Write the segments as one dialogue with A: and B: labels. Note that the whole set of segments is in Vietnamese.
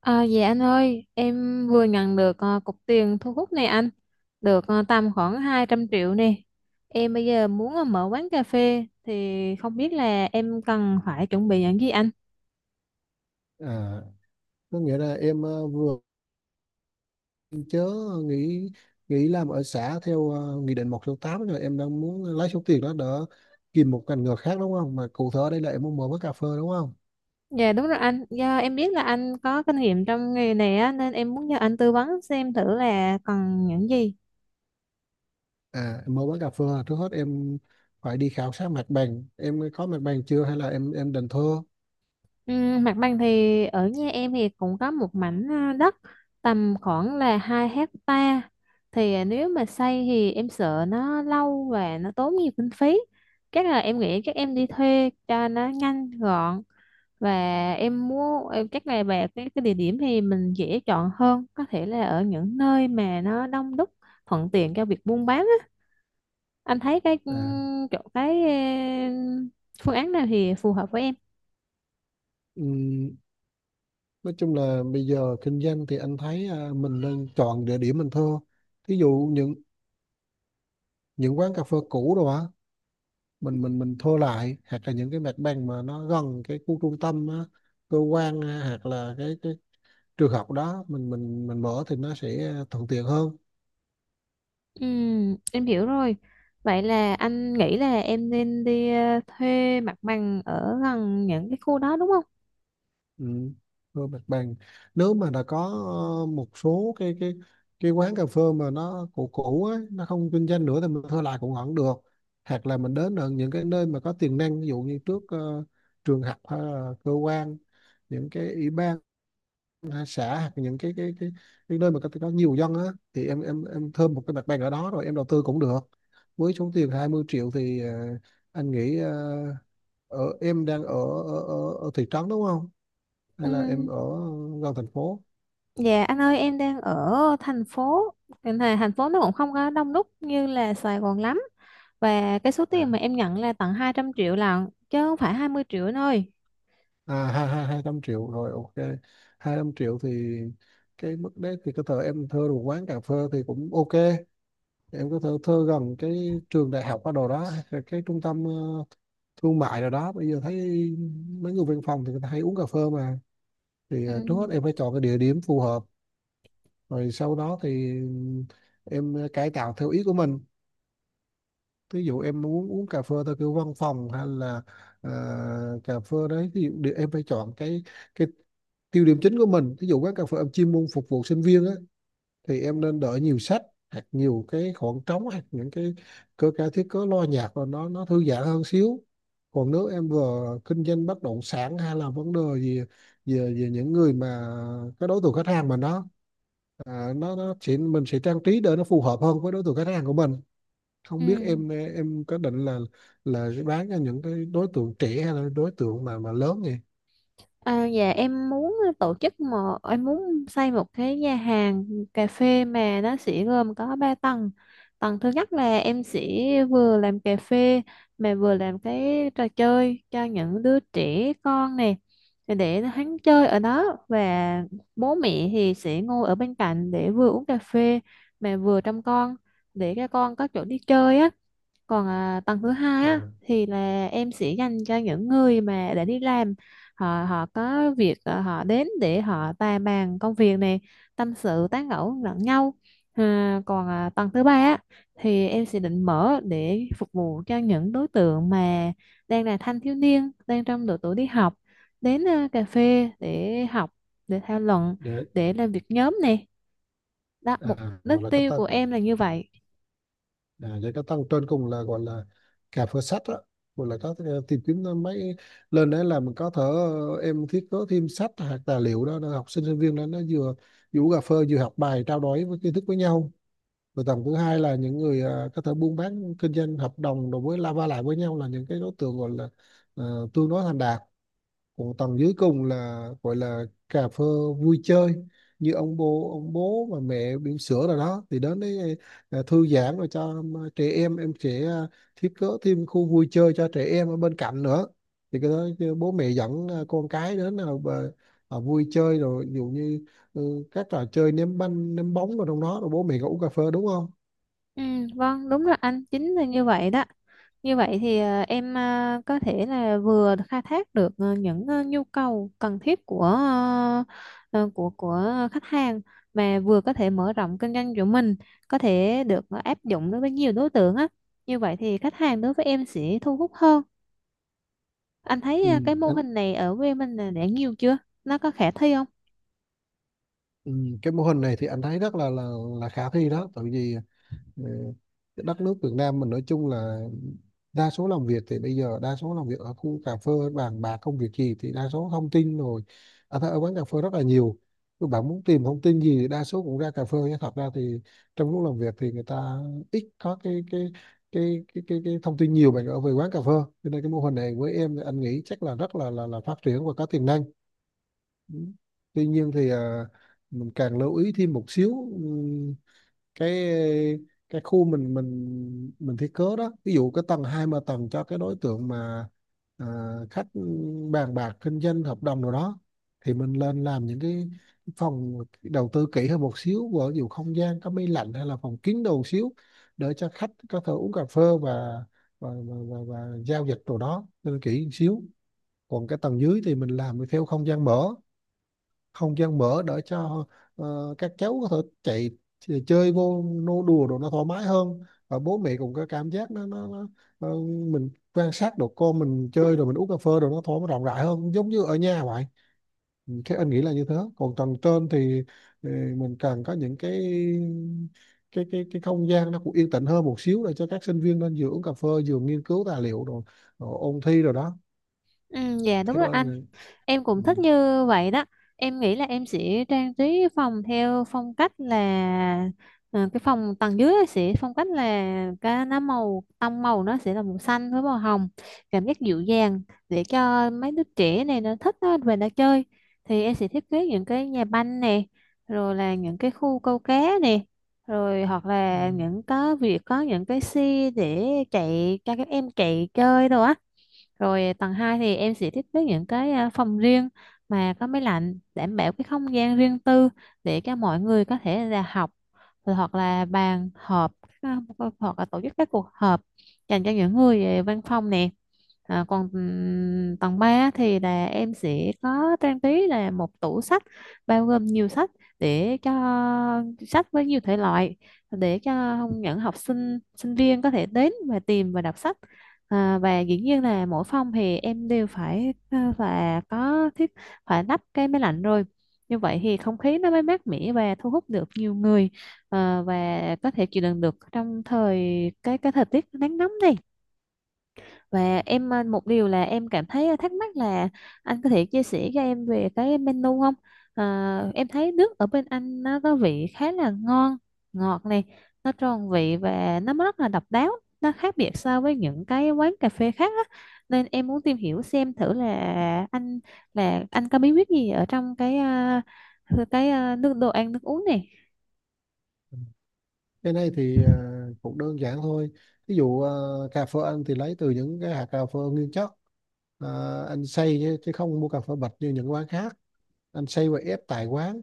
A: À, dạ anh ơi, em vừa nhận được cục tiền thu hút này anh, được tầm khoảng 200 triệu nè. Em bây giờ muốn mở quán cà phê thì không biết là em cần phải chuẩn bị những gì anh.
B: À, có nghĩa là em vừa chớ nghỉ nghỉ làm ở xã theo nghị định 168 rồi em đang muốn lấy số tiền đó để tìm một ngành nghề khác, đúng không? Mà cụ thể ở đây là em muốn mở quán cà phê, đúng không?
A: Dạ đúng rồi anh, do em biết là anh có kinh nghiệm trong nghề này á, nên em muốn nhờ anh tư vấn xem thử là cần những gì.
B: Em mở quán cà phê là trước hết em phải đi khảo sát mặt bằng. Em có mặt bằng chưa hay là em định thuê?
A: Ừ, mặt bằng thì ở nhà em thì cũng có một mảnh đất tầm khoảng là 2 hecta, thì nếu mà xây thì em sợ nó lâu và nó tốn nhiều kinh phí, chắc là em nghĩ chắc em đi thuê cho nó nhanh gọn. Và em mua em chắc là về cái địa điểm thì mình dễ chọn hơn, có thể là ở những nơi mà nó đông đúc, thuận tiện cho việc buôn bán á. Anh thấy cái ừ,
B: À,
A: chỗ cái ừ, phương án nào thì phù hợp với em.
B: ừm, nói chung là bây giờ kinh doanh thì anh thấy mình nên chọn địa điểm mình thuê. Thí dụ những quán cà phê cũ rồi á, mình thua lại hoặc là những cái mặt bằng mà nó gần cái khu trung tâm á, cơ quan á, hoặc là cái trường học đó mình mở thì nó sẽ thuận tiện hơn.
A: Ừ, em hiểu rồi. Vậy là anh nghĩ là em nên đi thuê mặt bằng ở gần những cái khu đó đúng không?
B: Ừ. Thua mặt bằng, nếu mà đã có một số cái quán cà phê mà nó cũ cũ á, nó không kinh doanh nữa thì mình thuê lại cũng vẫn được, hoặc là mình đến ở những cái nơi mà có tiềm năng, ví dụ như trước trường học hay là cơ quan, những cái ủy ban xã, hoặc những cái nơi mà có nhiều dân á, thì em thơm một cái mặt bằng ở đó rồi em đầu tư cũng được. Với số tiền 20 triệu thì anh nghĩ, em đang ở ở thị trấn đúng không,
A: Ừ.
B: hay là em ở gần thành phố?
A: Dạ anh ơi, em đang ở thành phố. Thành phố nó cũng không có đông đúc như là Sài Gòn lắm. Và cái số tiền mà em nhận là tận 200 triệu lận, chứ không phải 20 triệu anh ơi.
B: Hai hai hai trăm triệu rồi, ok. 200 triệu thì cái mức đấy thì có thể em thuê một quán cà phê thì cũng ok. Em có thể thuê gần cái trường đại học ở đồ đó, cái trung tâm thương mại rồi đó, bây giờ thấy mấy người văn phòng thì người ta hay uống cà phê mà. Thì
A: Ừ.
B: trước hết em phải chọn cái địa điểm phù hợp, rồi sau đó thì em cải tạo theo ý của mình. Ví dụ em muốn uống cà phê theo kiểu văn phòng hay là ờ, cà phê đấy, ví dụ em phải chọn cái tiêu điểm chính của mình. Ví dụ quán cà phê em chuyên môn phục vụ sinh viên á, thì em nên đợi nhiều sách hoặc nhiều cái khoảng trống, hoặc những cái cơ ca thiết cớ lo nhạc rồi nó thư giãn hơn xíu. Còn nếu em vừa kinh doanh bất động sản hay là vấn đề gì về về những người mà, cái đối tượng khách hàng mà nó nó chỉ, mình sẽ trang trí để nó phù hợp hơn với đối tượng khách hàng của mình.
A: Ừ.
B: Không biết em có định là bán cho những cái đối tượng trẻ hay là đối tượng mà lớn nhỉ.
A: À, dạ em muốn tổ chức một em muốn xây một cái nhà hàng cà phê mà nó sẽ gồm có 3 tầng. Tầng thứ nhất là em sẽ vừa làm cà phê mà vừa làm cái trò chơi cho những đứa trẻ con này, để hắn chơi ở đó và bố mẹ thì sẽ ngồi ở bên cạnh để vừa uống cà phê mà vừa trông con, để các con có chỗ đi chơi á. Còn tầng thứ hai á
B: à,
A: thì là em sẽ dành cho những người mà đã đi làm, họ họ có việc, họ đến để họ tài bàn công việc này, tâm sự tán gẫu lẫn nhau. Còn tầng thứ ba á thì em sẽ định mở để phục vụ cho những đối tượng mà đang là thanh thiếu niên, đang trong độ tuổi đi học, đến cà phê để học, để thảo luận,
B: để
A: để làm việc nhóm này. Đó mục đích
B: Gọi là cách
A: tiêu
B: ta.
A: của em là như vậy.
B: Vậy các thằng trên cùng là gọi là cà phê sách đó, gọi là có thể tìm kiếm mấy, lên đấy là mình có thể em thiết kế thêm sách hoặc tài liệu đó để học sinh sinh viên đó nó vừa vừa uống cà phê vừa học bài trao đổi với kiến thức với nhau. Rồi tầng thứ hai là những người có thể buôn bán kinh doanh hợp đồng đối với la va lại với nhau, là những cái đối tượng gọi là tương đối thành đạt. Còn tầng dưới cùng là gọi là cà phê vui chơi, như ông bố và mẹ bỉm sữa rồi đó thì đến đấy thư giãn, rồi cho trẻ em sẽ thiết kế thêm khu vui chơi cho trẻ em ở bên cạnh nữa. Thì cái đó cái bố mẹ dẫn con cái đến là vui chơi rồi, ví dụ như các trò chơi ném banh ném bóng rồi trong đó, rồi bố mẹ có uống cà phê, đúng không?
A: Ừ, vâng, đúng rồi anh, chính là như vậy đó. Như vậy thì em có thể là vừa khai thác được những nhu cầu cần thiết của của khách hàng, mà vừa có thể mở rộng kinh doanh của mình, có thể được áp dụng đối với nhiều đối tượng á. Như vậy thì khách hàng đối với em sẽ thu hút hơn. Anh thấy
B: Ừ.
A: cái mô
B: anh-
A: hình này ở quê mình là đã nhiều chưa? Nó có khả thi không?
B: ừ, cái mô hình này thì anh thấy rất là khả thi đó, tại vì Ờ, cái đất nước Việt Nam mình nói chung là đa số làm việc, thì bây giờ đa số làm việc ở khu cà phê bàn bạc công việc gì thì đa số thông tin rồi, ở quán cà phê rất là nhiều. Các bạn muốn tìm thông tin gì thì đa số cũng ra cà phê, chứ thật ra thì trong lúc làm việc thì người ta ít có cái thông tin nhiều bằng ở về quán cà phê. Cho nên cái mô hình này với em thì anh nghĩ chắc là rất là phát triển và có tiềm năng. Ừ. Tuy nhiên thì mình càng lưu ý thêm một xíu. Ừ, cái cái khu mình thiết kế đó, ví dụ cái tầng hai mà tầng cho cái đối tượng mà à, khách bàn bạc kinh doanh hợp đồng rồi đó, thì mình lên làm những cái phòng đầu tư kỹ hơn một xíu, ví dụ không gian có máy lạnh hay là phòng kín đầu xíu để cho khách có thể uống cà phê và giao dịch đồ đó, nên kỹ một xíu. Còn cái tầng dưới thì mình làm theo không gian mở, không gian mở để cho các cháu có thể chạy chơi vô nô đùa đồ nó thoải mái hơn, và bố mẹ cũng có cảm giác nó ờ, mình quan sát đồ con mình chơi rồi mình uống cà phê rồi nó thoải mái rộng rãi hơn, giống như ở nhà vậy. Ừ, thế anh nghĩ là như thế. Còn tầng trên thì ờ, mình cần có những cái không gian nó cũng yên tĩnh hơn một xíu để cho các sinh viên nên vừa uống cà phê vừa nghiên cứu tài liệu, rồi rồi ôn thi rồi đó,
A: Ừ, dạ đúng
B: theo
A: rồi
B: anh.
A: anh. Em
B: Ừ.
A: cũng thích như vậy đó. Em nghĩ là em sẽ trang trí phòng theo phong cách là, cái phòng tầng dưới sẽ phong cách là cái nó màu, tông màu nó sẽ là màu xanh với màu hồng, cảm giác dịu dàng, để cho mấy đứa trẻ này nó thích nó về nó chơi. Thì em sẽ thiết kế những cái nhà banh nè, rồi là những cái khu câu cá nè, rồi hoặc
B: Ừ.
A: là những có việc có những cái xe để chạy cho các em chạy chơi đồ á. Rồi tầng 2 thì em sẽ thiết kế những cái phòng riêng mà có máy lạnh, đảm bảo cái không gian riêng tư để cho mọi người có thể là học, rồi hoặc là bàn họp, à, hoặc là tổ chức các cuộc họp dành cho những người về văn phòng nè. À, còn tầng 3 thì là em sẽ có trang trí là một tủ sách bao gồm nhiều sách, để cho sách với nhiều thể loại, để cho những học sinh sinh viên có thể đến và tìm và đọc sách. À, và dĩ nhiên là mỗi phòng thì em đều phải, là có thiết phải lắp cái máy lạnh rồi, như vậy thì không khí nó mới mát mẻ và thu hút được nhiều người. Và có thể chịu đựng được trong thời cái thời tiết nắng nóng này. Và em, một điều là em cảm thấy thắc mắc là anh có thể chia sẻ cho em về cái menu không? Em thấy nước ở bên anh nó có vị khá là ngon, ngọt này, nó tròn vị và nó rất là độc đáo, nó khác biệt so với những cái quán cà phê khác á. Nên em muốn tìm hiểu xem thử là anh, là anh có bí quyết gì ở trong cái nước đồ ăn nước uống này.
B: Cái này thì cũng đơn giản thôi, ví dụ cà phê anh thì lấy từ những cái hạt cà phê nguyên chất. Anh xay chứ, không mua cà phê bạch như những quán khác, anh xay và ép tại quán.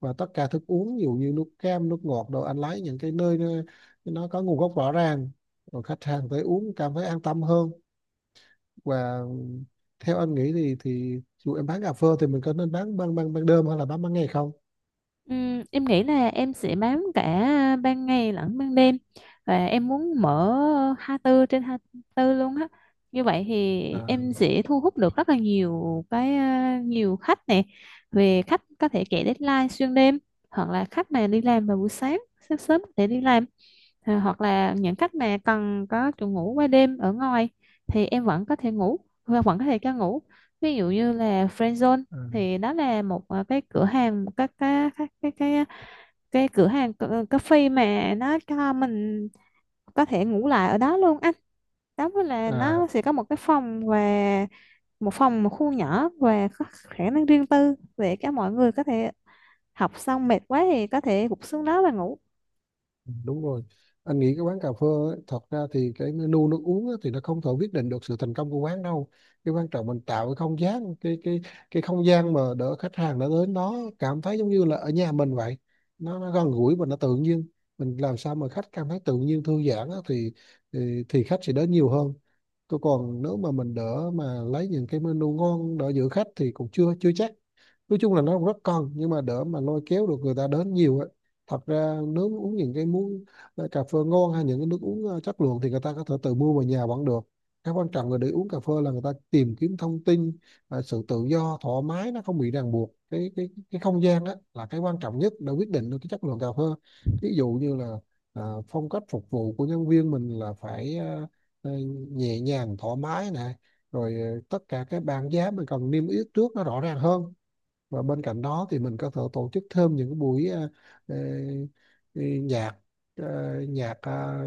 B: Và tất cả thức uống ví dụ như nước cam nước ngọt đồ, anh lấy những cái nơi nó có nguồn gốc rõ ràng, rồi khách hàng tới uống cảm thấy an tâm hơn. Và theo anh nghĩ thì dù em bán cà phê thì mình có nên bán ban ban ban đêm hay là bán ban ngày không?
A: Em nghĩ là em sẽ bám cả ban ngày lẫn ban đêm, và em muốn mở 24/24 luôn á. Như vậy thì
B: à,
A: em sẽ thu hút được rất là nhiều khách nè. Về khách có thể chạy deadline xuyên đêm, hoặc là khách mà đi làm vào buổi sáng, sáng sớm có thể đi làm, thì hoặc là những khách mà cần có chỗ ngủ qua đêm ở ngoài thì em vẫn có thể ngủ và vẫn có thể cho ngủ, ví dụ như là Friend Zone.
B: à,
A: Thì đó là một cái cửa hàng, một cái cửa hàng cà cà phê mà nó cho mình có thể ngủ lại ở đó luôn anh. Đó mới là
B: à.
A: nó sẽ có một cái phòng, và một phòng, một khu nhỏ và có khả năng riêng tư để các mọi người có thể học xong mệt quá thì có thể gục xuống đó và ngủ.
B: Đúng rồi, anh nghĩ cái quán cà phê ấy, thật ra thì cái menu nước uống ấy, thì nó không thể quyết định được sự thành công của quán đâu. Cái quan trọng mình tạo cái không gian, cái không gian mà để khách hàng đã đến nó cảm thấy giống như là ở nhà mình vậy, nó gần gũi và nó tự nhiên. Mình làm sao mà khách cảm thấy tự nhiên thư giãn á, thì khách sẽ đến nhiều hơn. Tôi còn nếu mà mình đỡ mà lấy những cái menu ngon đỡ giữ khách thì cũng chưa chưa chắc. Nói chung là nó cũng rất cần nhưng mà đỡ mà lôi kéo được người ta đến nhiều. Thật ra nếu mà uống những cái muốn cà phê ngon hay những cái nước uống chất lượng thì người ta có thể tự mua về nhà vẫn được. Cái quan trọng là để uống cà phê là người ta tìm kiếm thông tin, sự tự do thoải mái nó không bị ràng buộc, cái không gian đó là cái quan trọng nhất để quyết định được cái chất lượng cà phê. Ví dụ như là phong cách phục vụ của nhân viên mình là phải ờ, nhẹ nhàng thoải mái nè, rồi tất cả cái bảng giá mình cần niêm yết trước nó rõ ràng hơn. Và bên cạnh đó thì mình có thể tổ chức thêm những cái buổi ờ, ờ, nhạc ờ, nhạc à,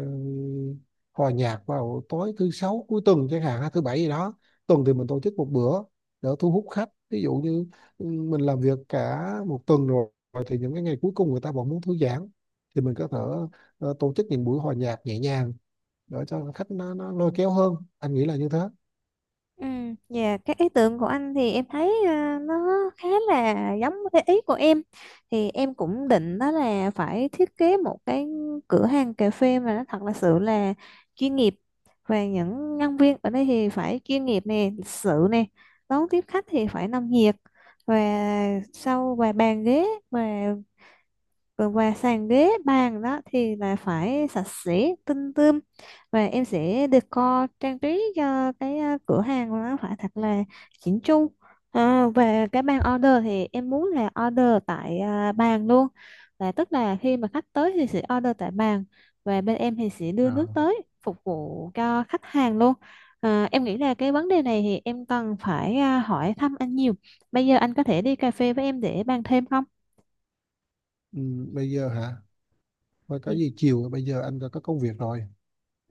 B: hòa nhạc vào tối thứ sáu cuối tuần chẳng hạn hay thứ bảy gì đó. Tuần thì mình tổ chức một bữa để thu hút khách, ví dụ như mình làm việc cả một tuần rồi, rồi thì những cái ngày cuối cùng người ta vẫn muốn thư giãn, thì mình có thể tổ chức những buổi hòa nhạc nhẹ nhàng để cho khách nó lôi kéo hơn, anh nghĩ là như thế.
A: Ừ, dạ cái ý tưởng của anh thì em thấy, nó khá là giống cái ý của em. Thì em cũng định đó là phải thiết kế một cái cửa hàng cà phê mà nó thật là sự là chuyên nghiệp, và những nhân viên ở đây thì phải chuyên nghiệp nè, lịch sự nè, đón tiếp khách thì phải nồng nhiệt. Và sau và bàn ghế, và còn về sàn ghế bàn đó thì là phải sạch sẽ tinh tươm. Và em sẽ decor, trang trí cho cái cửa hàng nó phải thật là chỉnh chu. Về cái bàn order thì em muốn là order tại bàn luôn, là tức là khi mà khách tới thì sẽ order tại bàn, và bên em thì sẽ đưa nước
B: Ờ.
A: tới phục vụ cho khách hàng luôn. Em nghĩ là cái vấn đề này thì em cần phải hỏi thăm anh nhiều. Bây giờ anh có thể đi cà phê với em để bàn thêm không?
B: ừ, Bây giờ hả? Thôi có gì chiều, bây giờ anh có công việc rồi.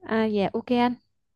A: À, dạ ok anh.